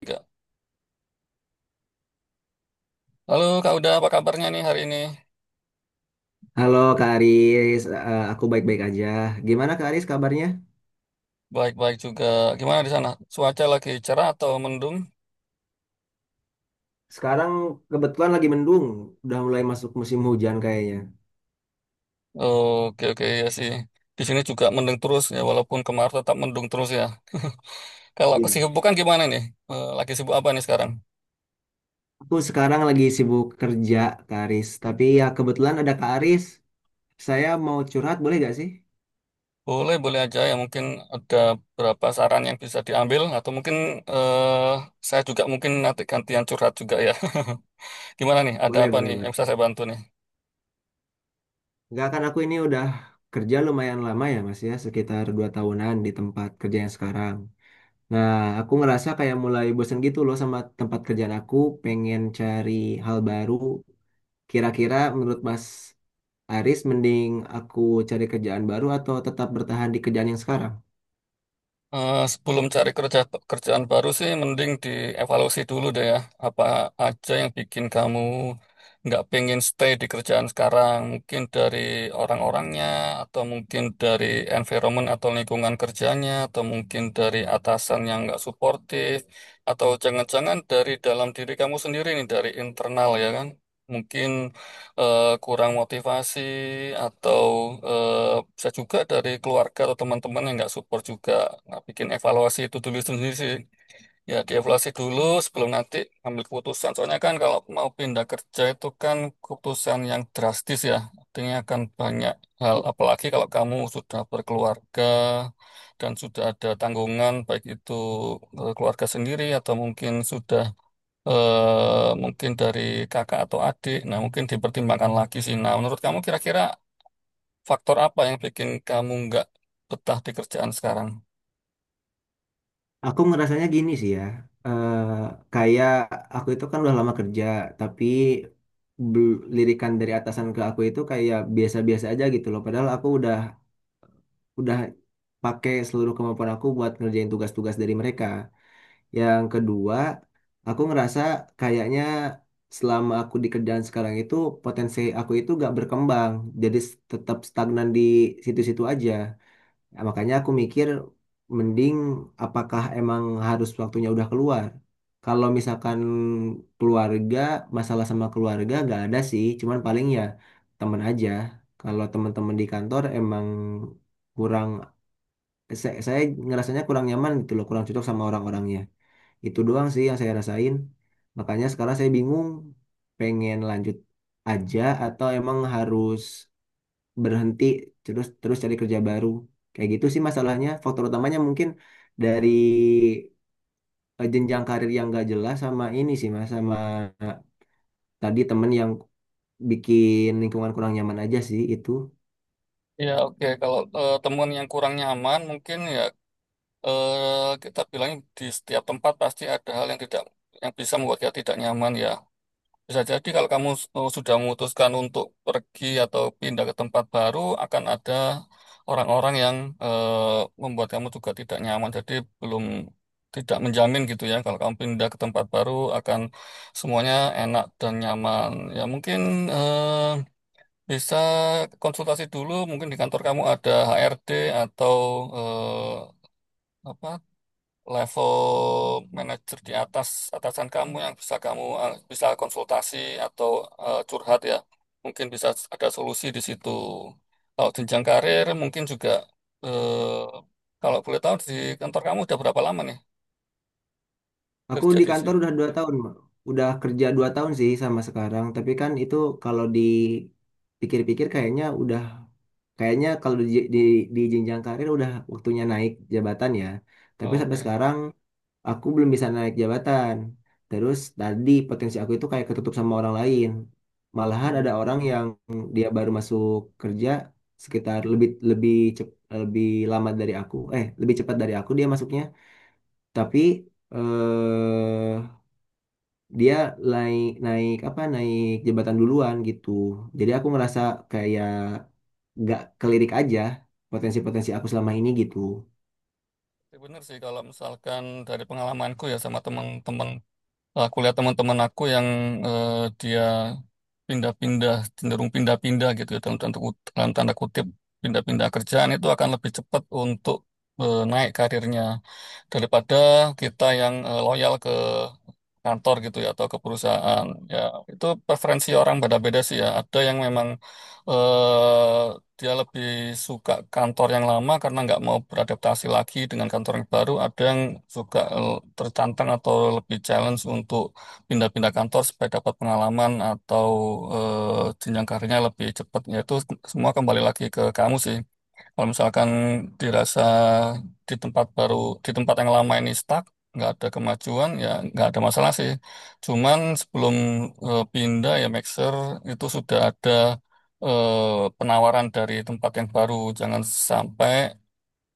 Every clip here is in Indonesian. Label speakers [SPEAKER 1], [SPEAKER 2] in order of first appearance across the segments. [SPEAKER 1] Tiga. Lalu Kak Uda, apa kabarnya nih hari ini?
[SPEAKER 2] Halo Kak Aris. Aku baik-baik aja. Gimana Kak Aris kabarnya?
[SPEAKER 1] Baik-baik juga. Gimana di sana? Cuaca lagi cerah atau mendung?
[SPEAKER 2] Sekarang kebetulan lagi mendung, udah mulai masuk musim hujan kayaknya.
[SPEAKER 1] Oke, oke, ya sih. Di sini juga mendung terus ya, walaupun kemarin tetap mendung terus ya. Kalau
[SPEAKER 2] Iya.
[SPEAKER 1] kesibukan gimana nih? Lagi sibuk apa nih sekarang?
[SPEAKER 2] Aku sekarang lagi sibuk kerja Kak Aris, tapi ya kebetulan ada Kak Aris. Saya mau curhat, boleh gak sih?
[SPEAKER 1] Boleh, boleh aja ya. Mungkin ada beberapa saran yang bisa diambil atau mungkin saya juga mungkin nanti gantian curhat juga ya. Gimana nih? Ada
[SPEAKER 2] Boleh,
[SPEAKER 1] apa
[SPEAKER 2] boleh,
[SPEAKER 1] nih yang
[SPEAKER 2] boleh.
[SPEAKER 1] bisa saya bantu nih?
[SPEAKER 2] Enggak kan aku ini udah kerja lumayan lama ya Mas ya, sekitar 2 tahunan di tempat kerja yang sekarang. Nah, aku ngerasa kayak mulai bosen gitu loh sama tempat kerjaan aku, pengen cari hal baru. Kira-kira menurut Mas Aris mending aku cari kerjaan baru atau tetap bertahan di kerjaan yang sekarang?
[SPEAKER 1] Sebelum cari kerjaan baru sih, mending dievaluasi dulu deh ya. Apa aja yang bikin kamu nggak pengen stay di kerjaan sekarang? Mungkin dari orang-orangnya, atau mungkin dari environment atau lingkungan kerjanya, atau mungkin dari atasan yang nggak suportif, atau jangan-jangan dari dalam diri kamu sendiri nih, dari internal ya kan? Mungkin kurang motivasi atau eh, bisa juga dari keluarga atau teman-teman yang nggak support juga. Nah, bikin evaluasi itu dulu sendiri sih. Ya, dievaluasi dulu sebelum nanti ambil keputusan. Soalnya kan kalau mau pindah kerja itu kan keputusan yang drastis ya. Artinya akan banyak hal. Apalagi kalau kamu sudah berkeluarga dan sudah ada tanggungan, baik itu keluarga sendiri atau mungkin sudah mungkin dari kakak atau adik. Nah, mungkin dipertimbangkan lagi sih. Nah, menurut kamu kira-kira faktor apa yang bikin kamu nggak betah di kerjaan sekarang?
[SPEAKER 2] Aku ngerasanya gini sih ya, eh, kayak aku itu kan udah lama kerja, tapi lirikan dari atasan ke aku itu kayak biasa-biasa aja gitu loh. Padahal aku udah pakai seluruh kemampuan aku buat ngerjain tugas-tugas dari mereka. Yang kedua, aku ngerasa kayaknya selama aku di kerjaan sekarang itu potensi aku itu gak berkembang, jadi tetap stagnan di situ-situ aja. Ya, makanya aku mikir mending apakah emang harus waktunya udah keluar. Kalau misalkan keluarga, masalah sama keluarga gak ada sih, cuman paling ya temen aja. Kalau teman-teman di kantor emang kurang saya ngerasanya kurang nyaman gitu loh, kurang cocok sama orang-orangnya. Itu doang sih yang saya rasain. Makanya sekarang saya bingung pengen lanjut aja atau emang harus berhenti terus terus cari kerja baru. Kayak gitu sih masalahnya. Faktor utamanya mungkin dari jenjang karir yang gak jelas sama ini sih Mas, sama eh, tadi temen yang bikin lingkungan kurang nyaman aja sih itu.
[SPEAKER 1] Ya, oke. Kalau temuan yang kurang nyaman, mungkin ya kita bilang di setiap tempat pasti ada hal yang tidak yang bisa membuat kita tidak nyaman ya. Bisa jadi kalau kamu sudah memutuskan untuk pergi atau pindah ke tempat baru, akan ada orang-orang yang membuat kamu juga tidak nyaman. Jadi belum tidak menjamin gitu ya. Kalau kamu pindah ke tempat baru, akan semuanya enak dan nyaman. Ya mungkin eh, bisa konsultasi dulu. Mungkin di kantor kamu ada HRD atau eh, apa level manajer di atas atasan kamu yang bisa kamu bisa konsultasi atau curhat ya. Mungkin bisa ada solusi di situ. Kalau jenjang karir mungkin juga eh, kalau boleh tahu di kantor kamu udah berapa lama nih
[SPEAKER 2] Aku
[SPEAKER 1] kerja
[SPEAKER 2] di
[SPEAKER 1] di
[SPEAKER 2] kantor
[SPEAKER 1] sini?
[SPEAKER 2] udah dua tahun, Mbak. Udah kerja dua tahun sih sama sekarang. Tapi kan itu kalau dipikir-pikir kayaknya udah kayaknya kalau di, di jenjang karir udah waktunya naik jabatan ya. Tapi sampai
[SPEAKER 1] Oke.
[SPEAKER 2] sekarang aku belum bisa naik jabatan. Terus tadi potensi aku itu kayak ketutup sama orang lain. Malahan ada orang
[SPEAKER 1] Hmm.
[SPEAKER 2] yang dia baru masuk kerja sekitar lebih lebih cep, lebih lama dari aku, eh lebih cepat dari aku dia masuknya. Tapi eh dia naik naik apa naik jabatan duluan gitu, jadi aku ngerasa kayak gak kelirik aja potensi-potensi aku selama ini gitu.
[SPEAKER 1] Ya, bener sih kalau misalkan dari pengalamanku ya sama teman-teman. Aku lihat teman-teman aku yang eh, dia pindah-pindah, cenderung pindah-pindah gitu ya, dalam dalam tanda kutip, pindah-pindah kerjaan itu akan lebih cepat untuk naik karirnya daripada kita yang loyal ke kantor gitu ya atau ke perusahaan ya itu preferensi orang beda-beda sih ya ada yang memang dia lebih suka kantor yang lama karena nggak mau beradaptasi lagi dengan kantor yang baru ada yang suka tertantang atau lebih challenge untuk pindah-pindah kantor supaya dapat pengalaman atau jenjang karirnya lebih cepat ya itu semua kembali lagi ke kamu sih kalau misalkan dirasa di tempat baru, di tempat yang lama ini stuck, nggak ada kemajuan, ya nggak ada masalah sih. Cuman sebelum pindah ya make sure itu sudah ada penawaran dari tempat yang baru. Jangan sampai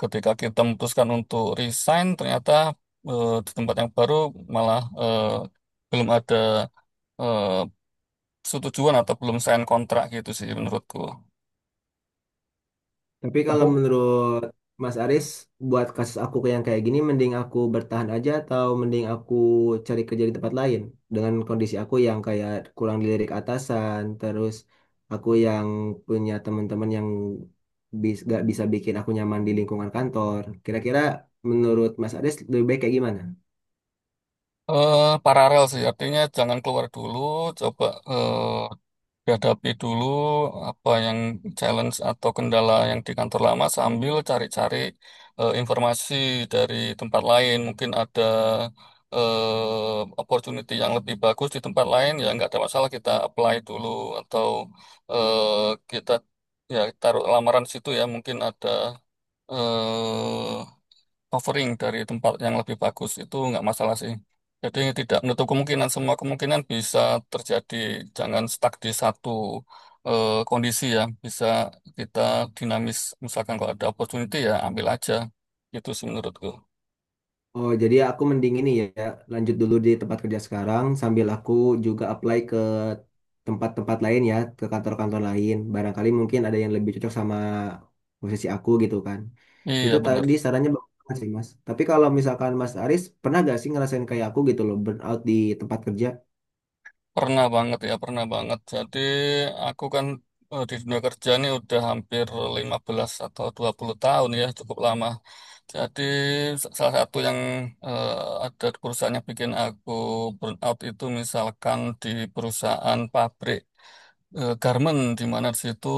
[SPEAKER 1] ketika kita memutuskan untuk resign, ternyata di tempat yang baru malah belum ada eh, setujuan atau belum sign kontrak gitu sih menurutku.
[SPEAKER 2] Tapi kalau menurut Mas Aris buat kasus aku yang kayak gini mending aku bertahan aja atau mending aku cari kerja di tempat lain dengan kondisi aku yang kayak kurang dilirik atasan terus aku yang punya teman-teman yang gak bisa bikin aku nyaman di lingkungan kantor, kira-kira menurut Mas Aris lebih baik kayak gimana?
[SPEAKER 1] eh paralel sih, artinya jangan keluar dulu, coba dihadapi dulu apa yang challenge atau kendala yang di kantor lama sambil cari-cari informasi dari tempat lain. Mungkin ada opportunity yang lebih bagus di tempat lain, ya nggak ada masalah kita apply dulu atau eh, kita ya taruh lamaran situ ya, mungkin ada eh, offering dari tempat yang lebih bagus itu nggak masalah sih. Jadi tidak menutup kemungkinan, semua kemungkinan bisa terjadi. Jangan stuck di satu kondisi ya. Bisa kita dinamis. Misalkan kalau ada opportunity ya ambil aja. Itu sih menurutku.
[SPEAKER 2] Oh, jadi aku mending ini ya, lanjut dulu di tempat kerja sekarang sambil aku juga apply ke tempat-tempat lain ya, ke kantor-kantor lain. Barangkali mungkin ada yang lebih cocok sama posisi aku gitu kan.
[SPEAKER 1] Iya
[SPEAKER 2] Itu
[SPEAKER 1] benar.
[SPEAKER 2] tadi sarannya bagus banget sih, Mas. Tapi kalau misalkan Mas Aris, pernah gak sih ngerasain kayak aku gitu loh, burnout di tempat kerja?
[SPEAKER 1] Pernah banget ya, pernah banget. Jadi aku kan di dunia kerja ini udah hampir 15 atau 20 tahun ya, cukup lama. Jadi salah satu yang eh, ada di perusahaan yang bikin aku burn out itu misalkan di perusahaan pabrik garment di mana di situ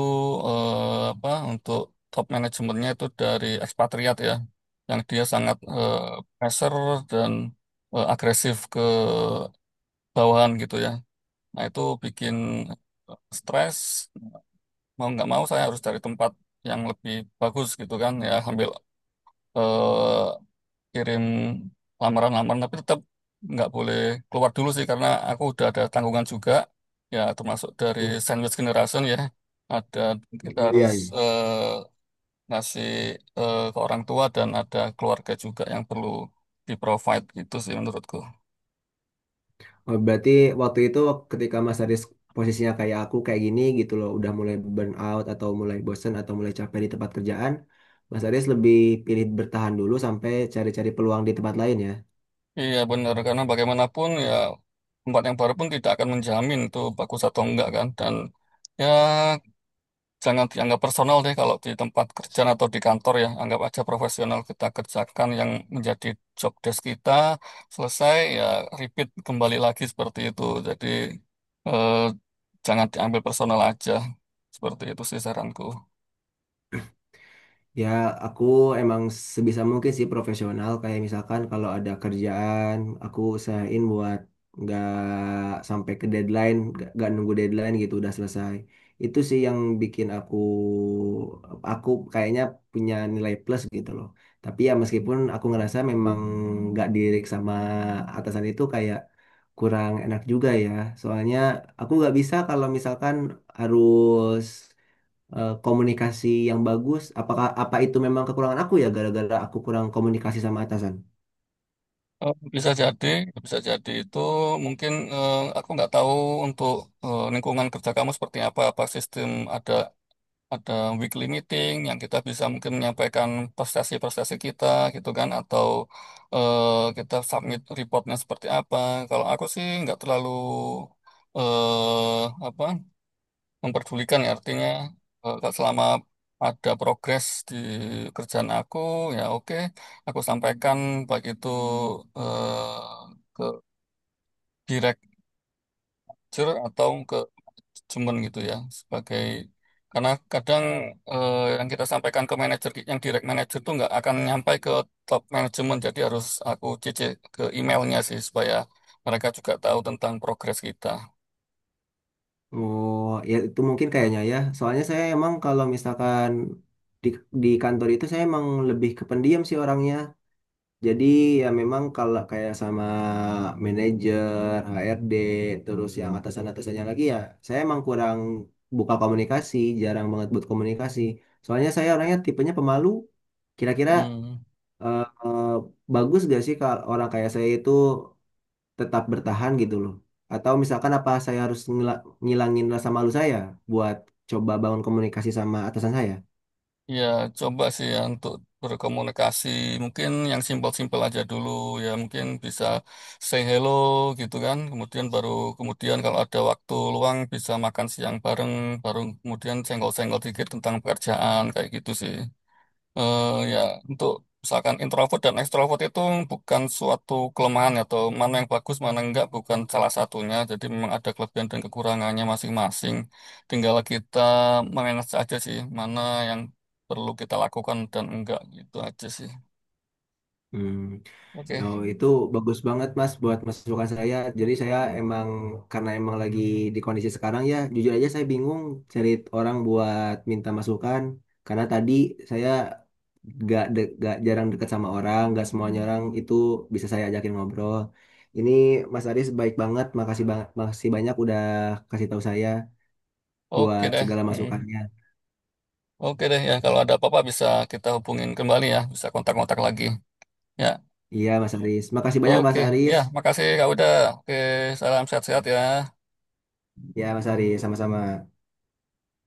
[SPEAKER 1] apa untuk top manajemennya itu dari ekspatriat ya, yang dia sangat pressure dan agresif ke bawahan gitu ya. Nah, itu bikin stres. Mau nggak mau saya harus cari tempat yang lebih bagus gitu kan. Ya, sambil eh, kirim lamaran-lamaran. Tapi tetap nggak boleh keluar dulu sih karena aku udah ada tanggungan juga. Ya, termasuk dari
[SPEAKER 2] Hmm.
[SPEAKER 1] sandwich generation ya. Ada kita
[SPEAKER 2] Oh
[SPEAKER 1] harus
[SPEAKER 2] iya. Iya.
[SPEAKER 1] eh, ngasih ke orang tua dan ada keluarga juga yang perlu di-provide gitu sih menurutku.
[SPEAKER 2] Oh, berarti waktu itu ketika Mas Haris posisinya kayak aku kayak gini gitu loh, udah mulai burn out atau mulai bosen atau mulai capek di tempat kerjaan, Mas Haris lebih pilih bertahan dulu sampai cari-cari peluang di tempat lain ya.
[SPEAKER 1] Iya benar, karena bagaimanapun ya tempat yang baru pun tidak akan menjamin itu bagus atau enggak kan. Dan ya jangan dianggap personal deh kalau di tempat kerja atau di kantor ya. Anggap aja profesional kita kerjakan yang menjadi job desk kita. Selesai ya repeat kembali lagi seperti itu. Jadi eh, jangan diambil personal aja. Seperti itu sih saranku.
[SPEAKER 2] Ya, aku emang sebisa mungkin sih profesional. Kayak misalkan kalau ada kerjaan, aku usahain buat nggak sampai ke deadline, nggak nunggu deadline gitu udah selesai. Itu sih yang bikin aku kayaknya punya nilai plus gitu loh. Tapi ya meskipun aku ngerasa memang nggak dirik sama atasan itu kayak kurang enak juga ya. Soalnya aku nggak bisa kalau misalkan harus komunikasi yang bagus. Apakah itu memang kekurangan aku ya gara-gara aku kurang komunikasi sama atasan?
[SPEAKER 1] Bisa jadi, bisa jadi itu mungkin aku nggak tahu untuk lingkungan kerja kamu seperti apa, apa sistem ada ada weekly meeting yang kita bisa mungkin menyampaikan prestasi-prestasi kita gitu kan atau eh, kita submit reportnya seperti apa. Kalau aku sih nggak terlalu eh apa memperdulikan ya artinya kalau selama ada progres di kerjaan aku ya oke aku sampaikan baik itu eh, ke director atau ke cuman gitu ya sebagai karena kadang yang kita sampaikan ke manajer yang direct manager itu nggak akan nyampai ke top manajemen jadi harus aku cc ke emailnya sih supaya mereka juga tahu tentang progres kita.
[SPEAKER 2] Oh, ya itu mungkin kayaknya ya. Soalnya saya emang kalau misalkan di di kantor itu saya emang lebih kependiam sih orangnya. Jadi ya memang kalau kayak sama manajer, HRD, terus yang atasan-atasannya lagi ya, saya emang kurang buka komunikasi, jarang banget buat komunikasi. Soalnya saya orangnya tipenya pemalu. Kira-kira
[SPEAKER 1] Hmm.
[SPEAKER 2] eh, eh, bagus gak sih kalau orang kayak saya itu tetap bertahan gitu loh? Atau misalkan apa saya harus ngilangin rasa malu saya buat coba bangun komunikasi sama atasan saya?
[SPEAKER 1] Ya, coba sih ya untuk berkomunikasi. Mungkin yang simpel-simpel aja dulu ya. Mungkin bisa say hello gitu kan. Kemudian baru kemudian kalau ada waktu luang bisa makan siang bareng. Baru kemudian senggol-senggol dikit tentang pekerjaan kayak gitu sih eh ya, untuk misalkan introvert dan ekstrovert itu bukan suatu kelemahan ya, atau mana yang bagus, mana yang enggak, bukan salah satunya. Jadi memang ada kelebihan dan kekurangannya masing-masing. Tinggal kita manage aja sih, mana yang perlu kita lakukan dan enggak gitu aja sih.
[SPEAKER 2] Hmm. Yo,
[SPEAKER 1] Oke,
[SPEAKER 2] itu bagus banget Mas buat masukan saya. Jadi saya emang karena emang lagi di kondisi sekarang ya, jujur aja saya bingung cari orang buat minta masukan karena tadi saya gak jarang dekat sama orang, gak semuanya orang itu bisa saya ajakin ngobrol. Ini Mas Aris baik banget, makasih banyak udah kasih tahu saya
[SPEAKER 1] oke
[SPEAKER 2] buat
[SPEAKER 1] deh.
[SPEAKER 2] segala
[SPEAKER 1] Mm.
[SPEAKER 2] masukannya.
[SPEAKER 1] Oke deh ya, kalau ada apa-apa bisa kita hubungin kembali ya, bisa kontak-kontak lagi. Ya,
[SPEAKER 2] Iya Mas Aris, makasih banyak
[SPEAKER 1] oke.
[SPEAKER 2] Mas
[SPEAKER 1] Ya,
[SPEAKER 2] Aris.
[SPEAKER 1] makasih Kak Uda. Oke, salam sehat-sehat ya.
[SPEAKER 2] Ya Mas Aris, sama-sama.